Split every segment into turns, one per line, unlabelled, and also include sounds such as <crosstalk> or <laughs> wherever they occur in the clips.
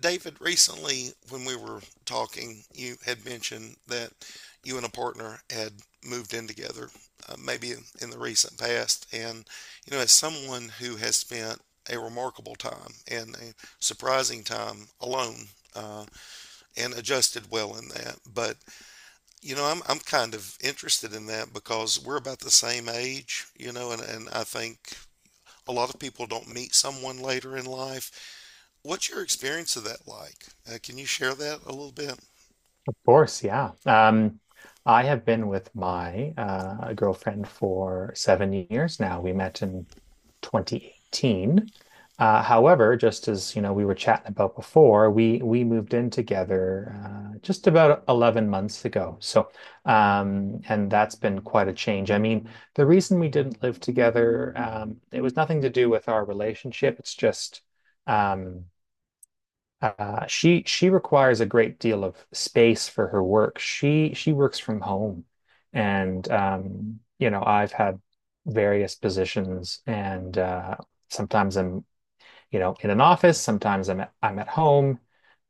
David, recently when we were talking, you had mentioned that you and a partner had moved in together, maybe in the recent past. And, you know, as someone who has spent a remarkable time and a surprising time alone, uh, and adjusted well in that. But, you know, I'm kind of interested in that because we're about the same age, you know, and I think a lot of people don't meet someone later in life. What's your experience of that like? Can you share that a little bit?
Of course, yeah. I have been with my girlfriend for 7 years now. We met in 2018. However, just as you know, we were chatting about before, we moved in together just about 11 months ago. And that's been quite a change. I mean, the reason we didn't live together, it was nothing to do with our relationship. It's just. Um, she requires a great deal of space for her work. She works from home, and I've had various positions, and sometimes I'm in an office. Sometimes I'm at home.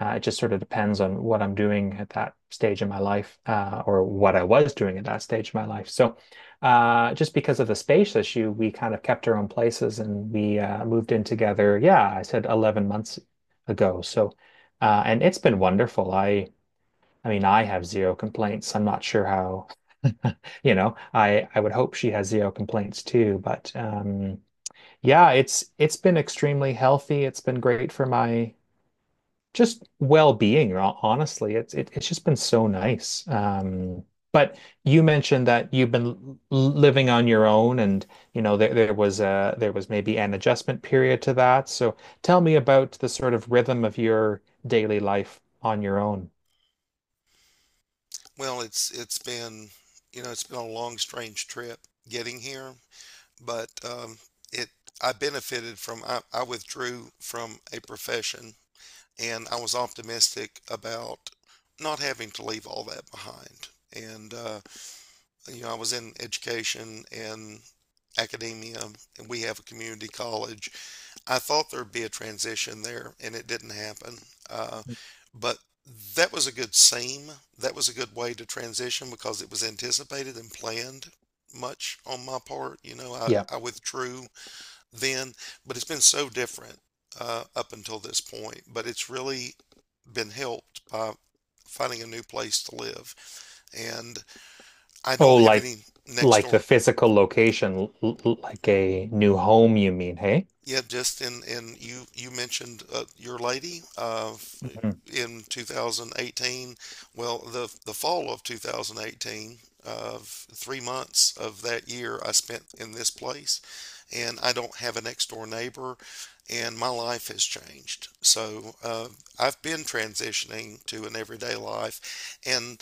It just sort of depends on what I'm doing at that stage in my life, or what I was doing at that stage in my life. Just because of the space issue, we kind of kept our own places and we moved in together. Yeah, I said 11 months ago. And it's been wonderful. I mean, I have zero complaints. I'm not sure how, <laughs> I would hope she has zero complaints too, but yeah, it's been extremely healthy. It's been great for my just well-being, honestly. It's just been so nice. But you mentioned that you've been living on your own and there was maybe an adjustment period to that. So tell me about the sort of rhythm of your daily life on your own.
Well, it's been, you know, it's been a long, strange trip getting here, but it I benefited from I withdrew from a profession and I was optimistic about not having to leave all that behind. And you know, I was in education and academia, and we have a community college. I thought there'd be a transition there, and it didn't happen. Uh, but that was a good seam. That was a good way to transition because it was anticipated and planned much on my part. You know,
Yeah.
I withdrew then, but it's been so different up until this point. But it's really been helped by finding a new place to live. And I
Oh,
don't have any next
like
door.
the physical location, like a new home, you mean, hey?
Yeah, just in you mentioned your lady
Mhm.
in 2018. Well, the fall of 2018, 3 months of that year I spent in this place, and I don't have a next door neighbor, and my life has changed. So I've been transitioning to an everyday life, and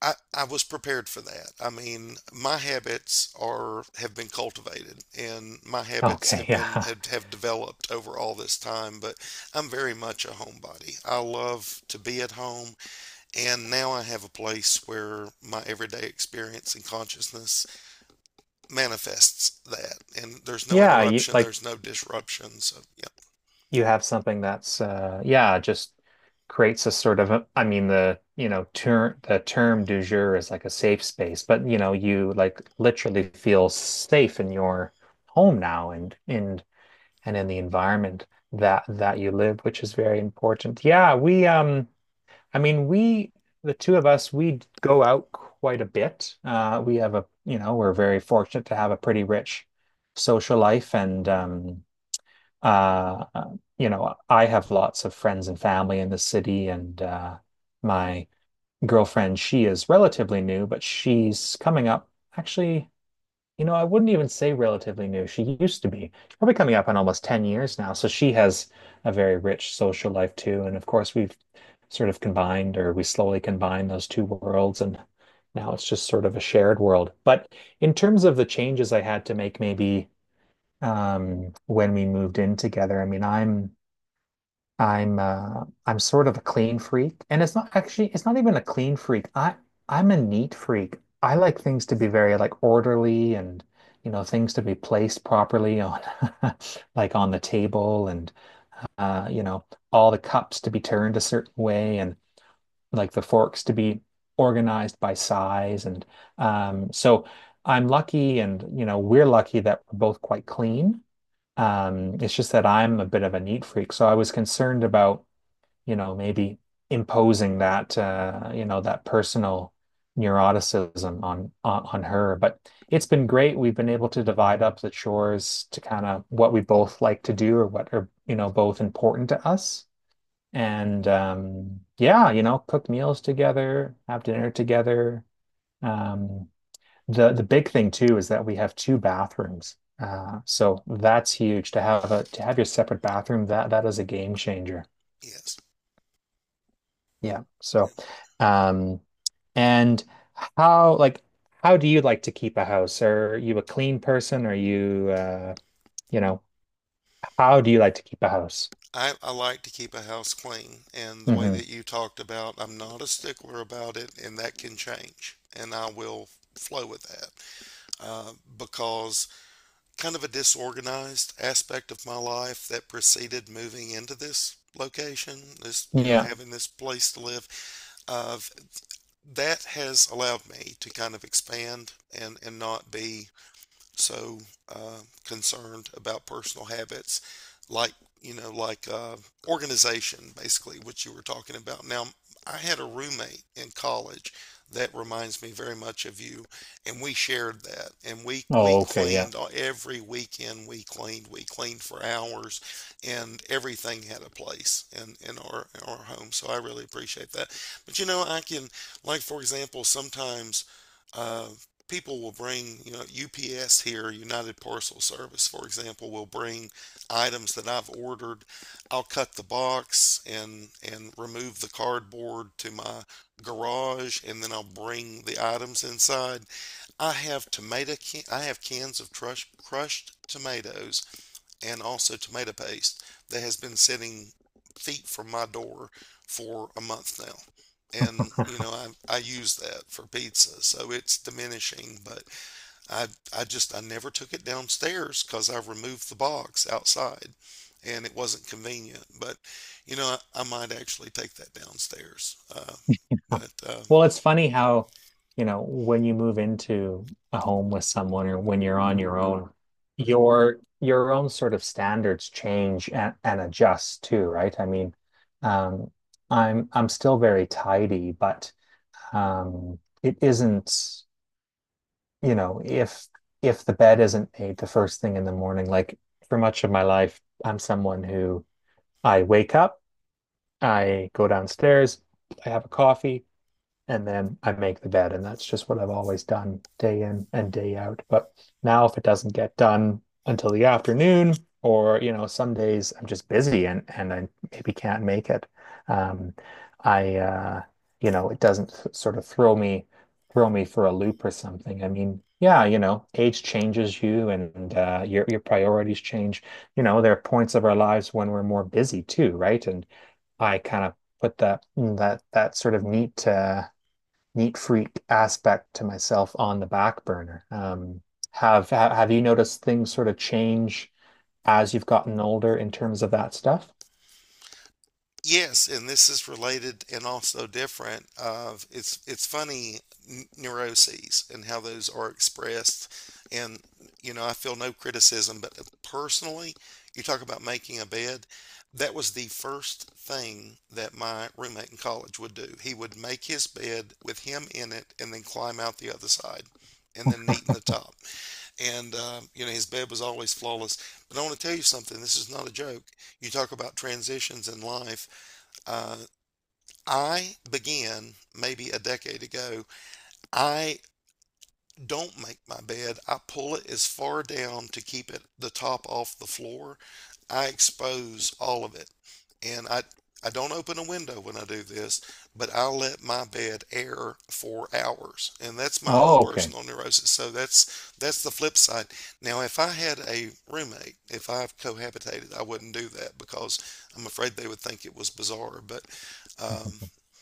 I was prepared for that. I mean, my habits are have been cultivated and my habits
Okay,
have been
yeah. <laughs>
have developed over all this time, but I'm very much a homebody. I love to be at home, and now I have a place where my everyday experience and consciousness manifests that, and there's no
Yeah, you,
interruption,
like
there's no disruption. So yeah,
you have something that's yeah just creates a sort of a, I mean the term du jour is like a safe space, but you know you like literally feel safe in your home now and in the environment that you live, which is very important. Yeah, we I mean we the two of us, we go out quite a bit. We have a, you know, we're very fortunate to have a pretty rich social life, and uh, you know, I have lots of friends and family in the city, and my girlfriend, she is relatively new, but she's coming up. Actually, you know, I wouldn't even say relatively new. She used to be. She's probably coming up on almost 10 years now. So she has a very rich social life too. And of course, we've sort of combined, or we slowly combine those two worlds. And now it's just sort of a shared world. But in terms of the changes I had to make, maybe when we moved in together. I mean, I'm sort of a clean freak. And it's not actually, it's not even a clean freak. I'm a neat freak. I like things to be very like orderly and, you know, things to be placed properly on <laughs> like on the table, and uh you know all the cups to be turned a certain way, and like the forks to be organized by size. And um so I'm lucky, and you know we're lucky that we're both quite clean. It's just that I'm a bit of a neat freak, so I was concerned about, you know, maybe imposing that, you know, that personal neuroticism on, on her. But it's been great. We've been able to divide up the chores to kind of what we both like to do, or what are, you know, both important to us. And yeah, you know, cook meals together, have dinner together. Um, the big thing too is that we have two bathrooms. So that's huge to have a to have your separate bathroom. That is a game changer.
yes.
Yeah. So, um, and how like how do you like to keep a house? Are you a clean person? Are you, you know, how do you like to keep a house?
I like to keep a house clean, and the way
Hmm.
that you talked about, I'm not a stickler about it, and that can change, and I will flow with that, uh, because kind of a disorganized aspect of my life that preceded moving into this location, this, you know,
Yeah.
having this place to live, of that has allowed me to kind of expand and not be so concerned about personal habits, like, you know, like, organization, basically what you were talking about. Now, I had a roommate in college that reminds me very much of you, and we shared that, and we
Oh, okay. Yeah.
cleaned every weekend. We cleaned, we cleaned for hours, and everything had a place in our home, so I really appreciate that. But you know, I can, like, for example, sometimes uh, people will bring, you know, UPS here, United Parcel Service, for example, will bring items that I've ordered. I'll cut the box and remove the cardboard to my garage, and then I'll bring the items inside. I have cans of crushed tomatoes and also tomato paste that has been sitting feet from my door for a month now, and you
<laughs>
know, I use that for pizza, so it's diminishing. But I I just, I never took it downstairs because I removed the box outside, and it wasn't convenient. But you know, I might actually take that downstairs. But
Well, it's funny how, you know, when you move into a home with someone or when you're on your own sort of standards change and adjust too, right? I mean, um, I'm still very tidy, but it isn't, you know, if the bed isn't made the first thing in the morning, like for much of my life, I'm someone who I wake up, I go downstairs, I have a coffee, and then I make the bed. And that's just what I've always done, day in and day out. But now, if it doesn't get done until the afternoon, or you know, some days I'm just busy and I maybe can't make it. Um, I you know, it doesn't sort of throw me for a loop or something. I mean, yeah, you know, age changes you, and your priorities change. You know, there are points of our lives when we're more busy too, right? And I kind of put that sort of neat freak aspect to myself on the back burner. Have you noticed things sort of change as you've gotten older in terms of that stuff?
Yes, and this is related and also different, of it's funny, neuroses and how those are expressed. And you know, I feel no criticism, but personally, you talk about making a bed. That was the first thing that my roommate in college would do. He would make his bed with him in it and then climb out the other side and then neat in the top. And you know, his bed was always flawless. But I want to tell you something, this is not a joke. You talk about transitions in life. Uh, I began maybe a decade ago. I don't make my bed. I pull it as far down to keep it the top off the floor. I expose all of it. And I don't open a window when I do this, but I let my bed air for hours. And that's my own
Oh, okay.
personal neurosis. So that's the flip side. Now, if I had a roommate, if I've cohabitated, I wouldn't do that because I'm afraid they would think it was bizarre. But um,
<laughs>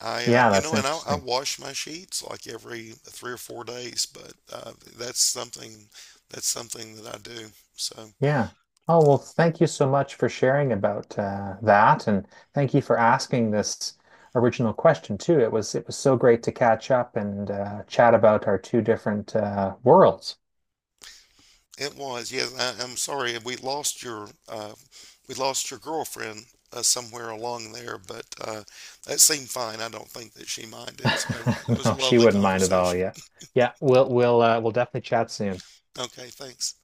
I,
Yeah,
you
that's
know, and I
interesting.
wash my sheets like every 3 or 4 days, but that's something that's something that I do. So
Yeah. Oh,
uh,
well, thank you so much for sharing about that, and thank you for asking this original question too. It was so great to catch up and chat about our two different worlds.
it was, yes. I'm sorry we lost your girlfriend somewhere along there, but that seemed fine. I don't think that she minded. So that
<laughs>
was a
No, she
lovely
wouldn't mind at all.
conversation.
Yeah, yeah. We'll definitely chat soon.
Okay, thanks.